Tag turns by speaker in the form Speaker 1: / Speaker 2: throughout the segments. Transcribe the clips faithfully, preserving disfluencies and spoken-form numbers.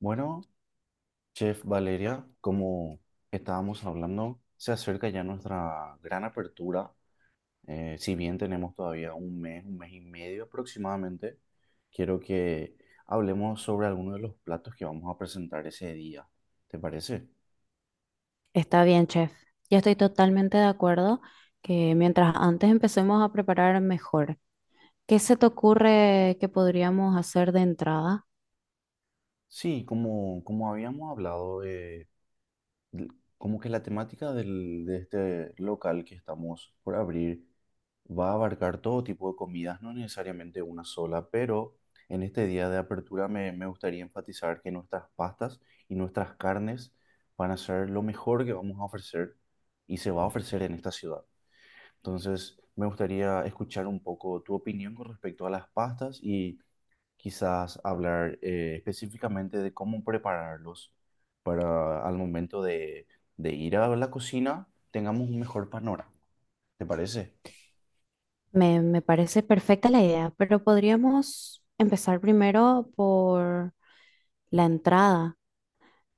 Speaker 1: Bueno, Chef Valeria, como estábamos hablando, se acerca ya nuestra gran apertura. Eh, si bien tenemos todavía un mes, un mes y medio aproximadamente, quiero que hablemos sobre algunos de los platos que vamos a presentar ese día. ¿Te parece?
Speaker 2: Está bien, chef. Yo estoy totalmente de acuerdo que mientras antes empecemos a preparar mejor. ¿Qué se te ocurre que podríamos hacer de entrada?
Speaker 1: Sí, como, como habíamos hablado, l- como que la temática del, de este local que estamos por abrir va a abarcar todo tipo de comidas, no necesariamente una sola, pero en este día de apertura me, me gustaría enfatizar que nuestras pastas y nuestras carnes van a ser lo mejor que vamos a ofrecer y se va a ofrecer en esta ciudad. Entonces, me gustaría escuchar un poco tu opinión con respecto a las pastas y quizás hablar eh, específicamente de cómo prepararlos para al momento de, de ir a la cocina tengamos un mejor panorama. ¿Te parece?
Speaker 2: Me, me parece perfecta la idea, pero podríamos empezar primero por la entrada.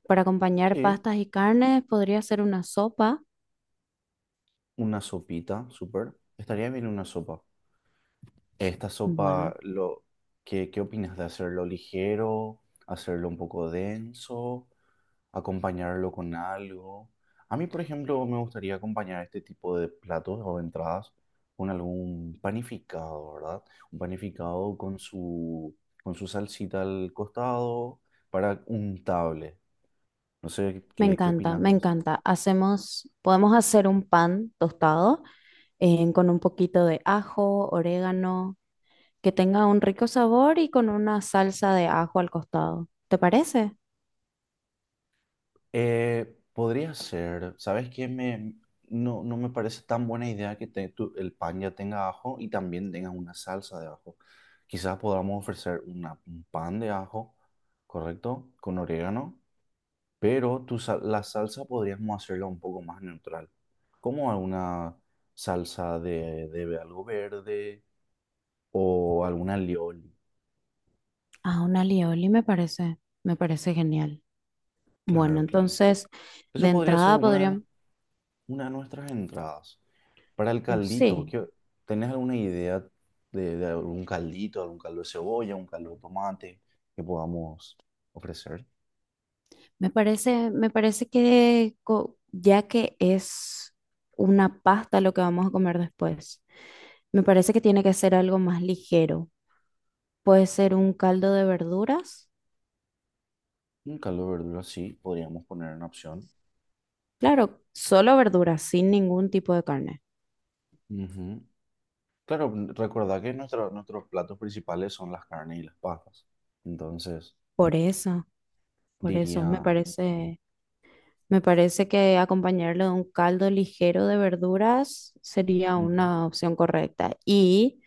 Speaker 2: Para acompañar
Speaker 1: Sí,
Speaker 2: pastas y carnes, podría ser una sopa.
Speaker 1: una sopita, súper. Estaría bien una sopa. Esta
Speaker 2: Bueno,
Speaker 1: sopa, lo, ¿qué, qué opinas de hacerlo ligero, hacerlo un poco denso, acompañarlo con algo? A mí, por ejemplo, me gustaría acompañar este tipo de platos o entradas con algún panificado, ¿verdad? Un panificado con su, con su salsita al costado para untable. No sé
Speaker 2: me
Speaker 1: qué, qué
Speaker 2: encanta,
Speaker 1: opinas
Speaker 2: me
Speaker 1: de eso.
Speaker 2: encanta. Hacemos, podemos hacer un pan tostado eh, con un poquito de ajo, orégano que tenga un rico sabor y con una salsa de ajo al costado. ¿Te parece?
Speaker 1: Eh, podría ser, ¿sabes qué? Me, no, no me parece tan buena idea que te- tu- el pan ya tenga ajo y también tenga una salsa de ajo. Quizás podamos ofrecer una, un pan de ajo, ¿correcto? Con orégano, pero tu, sal- la salsa podríamos hacerla un poco más neutral, como alguna salsa de, de algo verde o alguna alioli.
Speaker 2: Ah, un alioli me parece, me parece genial. Bueno,
Speaker 1: Claro, claro.
Speaker 2: entonces de
Speaker 1: Eso podría ser
Speaker 2: entrada
Speaker 1: una, de nu-
Speaker 2: podrían,
Speaker 1: una de nuestras entradas. Para el
Speaker 2: uh,
Speaker 1: caldito,
Speaker 2: sí,
Speaker 1: ¿qué- ¿tenés alguna idea de, de algún caldito, algún caldo de cebolla, un caldo de tomate que podamos ofrecer?
Speaker 2: me parece, me parece que co- ya que es una pasta lo que vamos a comer después, me parece que tiene que ser algo más ligero. Puede ser un caldo de verduras,
Speaker 1: Un caldo de verdura, sí, podríamos poner en opción.
Speaker 2: claro, solo verduras, sin ningún tipo de carne.
Speaker 1: Ujú. Claro, n- recordá que nuestra- nuestros platos principales son las carnes y las pastas. Entonces,
Speaker 2: Por eso, por eso me
Speaker 1: diría...
Speaker 2: parece. Me parece que acompañarlo de un caldo ligero de verduras sería
Speaker 1: Ujú,
Speaker 2: una opción correcta. Y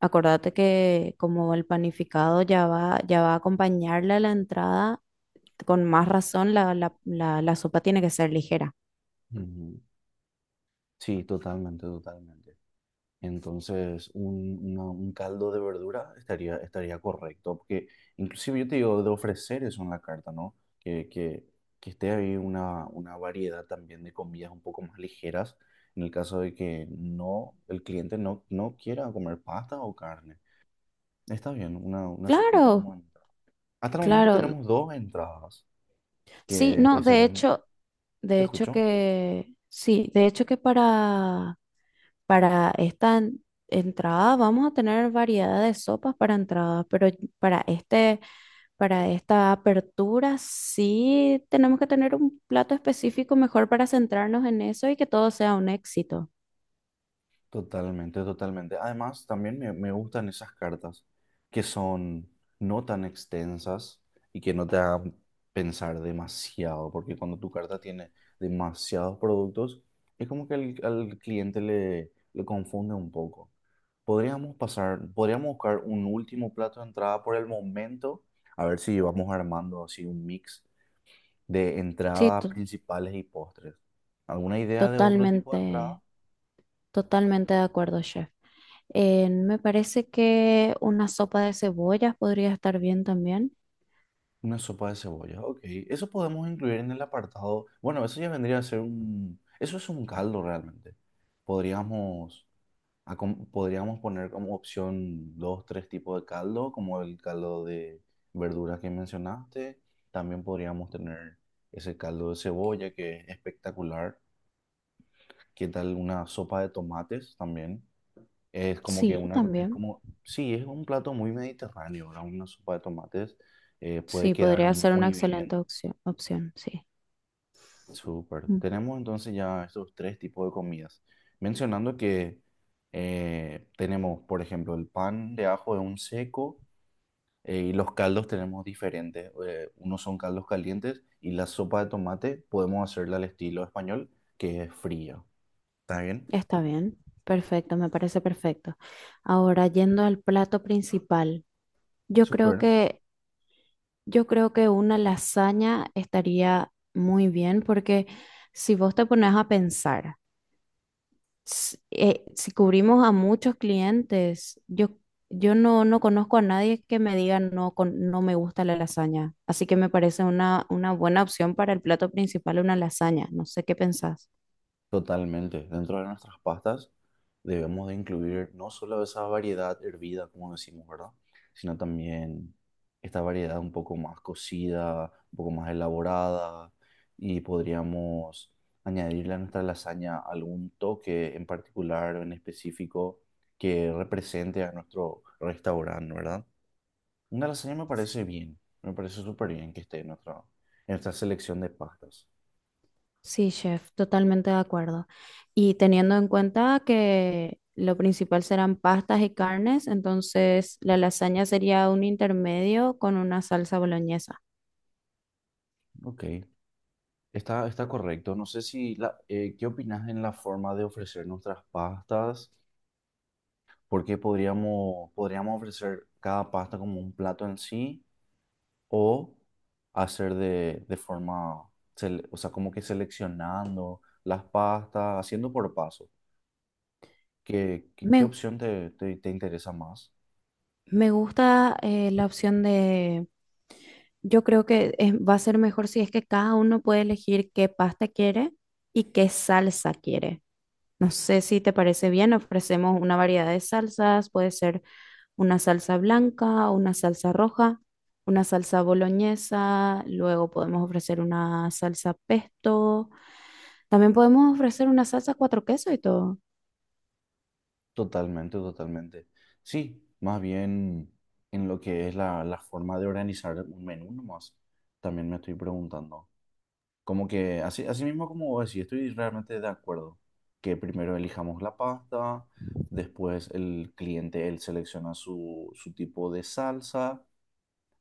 Speaker 2: acordate que como el panificado ya va, ya va a acompañarle a la entrada, con más razón la, la, la, la sopa tiene que ser ligera.
Speaker 1: ujú. Sí, totalmente, totalmente. Entonces, un, una- un caldo de verdura estaría, estaría correcto, porque inclusive yo te digo de ofrecer eso en la carta, ¿no? Que, que, que esté ahí una, una variedad también de comidas un poco más ligeras, en el caso de que no, el cliente no, no quiera comer pasta o carne. Está bien, una, una sopita
Speaker 2: Claro,
Speaker 1: como entrada. Hasta el momento
Speaker 2: claro.
Speaker 1: tenemos dos entradas,
Speaker 2: Sí,
Speaker 1: que
Speaker 2: no,
Speaker 1: eh,
Speaker 2: de
Speaker 1: serían,
Speaker 2: hecho,
Speaker 1: ¿te
Speaker 2: de hecho
Speaker 1: escucho?
Speaker 2: que, sí, de hecho que para... Para esta en- entrada vamos a tener variedad de sopas para entradas, pero para este, para esta apertura sí tenemos que tener un plato específico mejor para centrarnos en eso y que todo sea un éxito.
Speaker 1: Totalmente, totalmente. Además, también me, me gustan esas cartas que son no tan extensas y que no te hagan pensar demasiado, porque cuando tu carta tiene demasiados productos, es como que al, al cliente le, le confunde un poco. Podríamos pasar, podríamos buscar un último plato de entrada por el momento, a ver si vamos armando así un mix de
Speaker 2: Sí,
Speaker 1: entradas
Speaker 2: to-
Speaker 1: principales y postres. ¿Alguna idea de otro tipo de
Speaker 2: totalmente,
Speaker 1: entrada?
Speaker 2: totalmente de acuerdo, chef. Eh, me parece que una sopa de cebollas podría estar bien también.
Speaker 1: Una sopa de cebolla, ok. Eso podemos incluir en el apartado. Bueno, eso ya vendría a ser un. Eso es un caldo realmente. Podríamos, acom- podríamos poner como opción dos, tres tipos de caldo, como el caldo de verduras que mencionaste. También podríamos tener ese caldo de cebolla que es espectacular. ¿Qué tal una sopa de tomates también? Es como que
Speaker 2: Sí,
Speaker 1: una. Es
Speaker 2: también.
Speaker 1: como. Sí, es un plato muy mediterráneo, ¿verdad? Una sopa de tomates eh, puede
Speaker 2: Sí,
Speaker 1: quedar
Speaker 2: podría ser una
Speaker 1: muy bien.
Speaker 2: excelente opción, opción, sí.
Speaker 1: Súper. Tenemos entonces ya estos tres tipos de comidas. Mencionando que eh, tenemos, por ejemplo, el pan de ajo es un seco eh, y los caldos tenemos diferentes. Eh, unos son caldos calientes y la sopa de tomate podemos hacerla al estilo español, que es fría. ¿Está bien?
Speaker 2: Está bien, perfecto, me parece perfecto. Ahora, yendo al plato principal, yo creo
Speaker 1: Súper.
Speaker 2: que, yo creo que una lasaña estaría muy bien porque si vos te pones a pensar, s- eh, si cubrimos a muchos clientes, yo, yo no, no conozco a nadie que me diga no, con, no me gusta la lasaña. Así que me parece una, una buena opción para el plato principal, una lasaña. No sé qué pensás.
Speaker 1: Totalmente. Dentro de nuestras pastas debemos de incluir no solo esa variedad hervida, como decimos, ¿verdad? Sino también esta variedad un poco más cocida, un poco más elaborada y podríamos añadirle a nuestra lasaña algún toque en particular o en específico que represente a nuestro restaurante, ¿verdad? Una lasaña me parece bien, me parece súper bien que esté en nuestra, en nuestra selección de pastas.
Speaker 2: Sí, chef, totalmente de acuerdo. Y teniendo en cuenta que lo principal serán pastas y carnes, entonces la lasaña sería un intermedio con una salsa boloñesa.
Speaker 1: Ok. Está, está correcto. No sé si la, eh, ¿qué opinas en la forma de ofrecer nuestras pastas? Porque podríamos, podríamos ofrecer cada pasta como un plato en sí o hacer de, de forma, sele- o sea, como que seleccionando las pastas, haciendo por paso. ¿Qué, qué, ¿qué
Speaker 2: Me,
Speaker 1: opción te, te, te interesa más?
Speaker 2: me gusta eh, la opción de, yo creo que es- va a ser mejor si es que cada uno puede elegir qué pasta quiere y qué salsa quiere. No sé si te parece bien, ofrecemos una variedad de salsas, puede ser una salsa blanca, una salsa roja, una salsa boloñesa, luego podemos ofrecer una salsa pesto, también podemos ofrecer una salsa cuatro quesos y todo.
Speaker 1: Totalmente, totalmente. Sí, más bien en lo que es la, la forma de organizar un menú nomás. También me estoy preguntando. Como que así, así mismo como vos decís, estoy realmente de acuerdo que primero elijamos la pasta, después el cliente él selecciona su, su tipo de salsa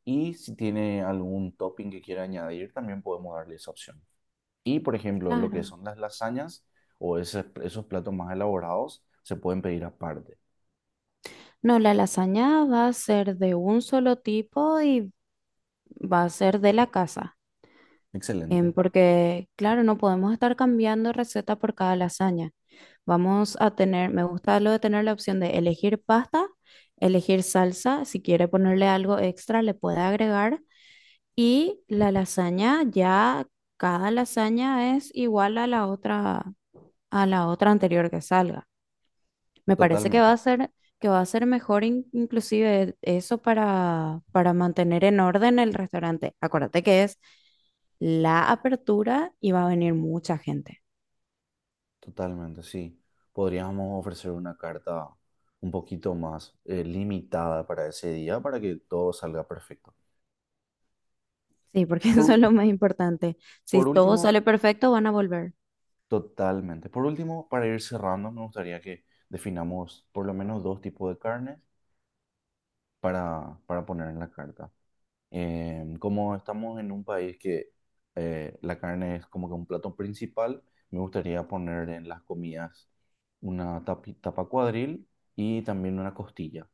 Speaker 1: y si tiene algún topping que quiera añadir también podemos darle esa opción. Y por ejemplo, lo que
Speaker 2: Claro.
Speaker 1: son las lasañas o ese- esos platos más elaborados se pueden pedir aparte.
Speaker 2: No, la lasaña va a ser de un solo tipo y va a ser de la casa, em,
Speaker 1: Excelente,
Speaker 2: porque claro, no podemos estar cambiando receta por cada lasaña. Vamos a tener, me gusta lo de tener la opción de elegir pasta, elegir salsa, si quiere ponerle algo extra, le puede agregar. Y la lasaña ya, cada lasaña es igual a la otra, a la otra anterior que salga. Me parece que va
Speaker 1: totalmente.
Speaker 2: a ser, que va a ser mejor in- inclusive eso para, para mantener en orden el restaurante. Acuérdate que es la apertura y va a venir mucha gente.
Speaker 1: Totalmente, sí. Podríamos ofrecer una carta un poquito más eh, limitada para ese día para que todo salga perfecto.
Speaker 2: Sí, porque eso es
Speaker 1: Por,
Speaker 2: lo más importante. Si
Speaker 1: por
Speaker 2: todo
Speaker 1: último,
Speaker 2: sale perfecto, van a volver.
Speaker 1: totalmente. Por último, para ir cerrando, me gustaría que definamos por lo menos dos tipos de carnes para, para poner en la carta. Eh, como estamos en un país que eh, la carne es como que un plato principal, me gustaría poner en las comidas una tapi- tapa cuadril y también una costilla.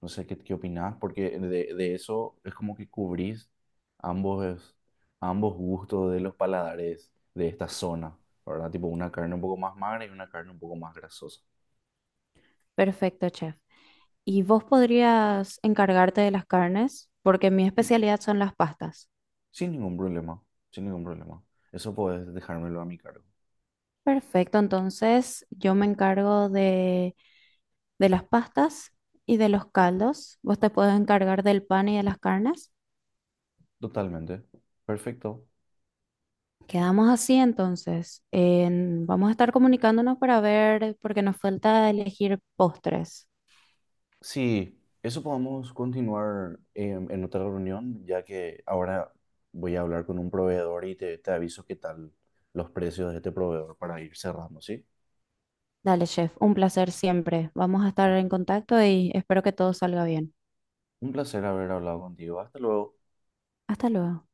Speaker 1: No sé qué, qué opinás, porque de, de eso es como que cubrís ambos, ambos gustos de los paladares de esta zona, ¿verdad? Tipo una carne un poco más magra y una carne un poco más grasosa.
Speaker 2: Perfecto, chef. ¿Y vos podrías encargarte de las carnes? Porque mi
Speaker 1: Sí,
Speaker 2: especialidad son las pastas.
Speaker 1: sin ningún problema, sin ningún problema. Eso puedes dejármelo a mi cargo.
Speaker 2: Perfecto, entonces yo me encargo de, de las pastas y de los caldos. Vos te puedes encargar del pan y de las carnes.
Speaker 1: Totalmente. Perfecto.
Speaker 2: Quedamos así entonces. En- vamos a estar comunicándonos para ver, porque nos falta elegir postres.
Speaker 1: Sí, eso podemos continuar em, en otra reunión, ya que ahora voy a hablar con un proveedor y te, te aviso qué tal los precios de este proveedor para ir cerrando, ¿sí?
Speaker 2: Dale, chef, un placer siempre. Vamos a estar en contacto y espero que todo salga bien.
Speaker 1: Un placer haber hablado contigo. Hasta luego.
Speaker 2: Hasta luego.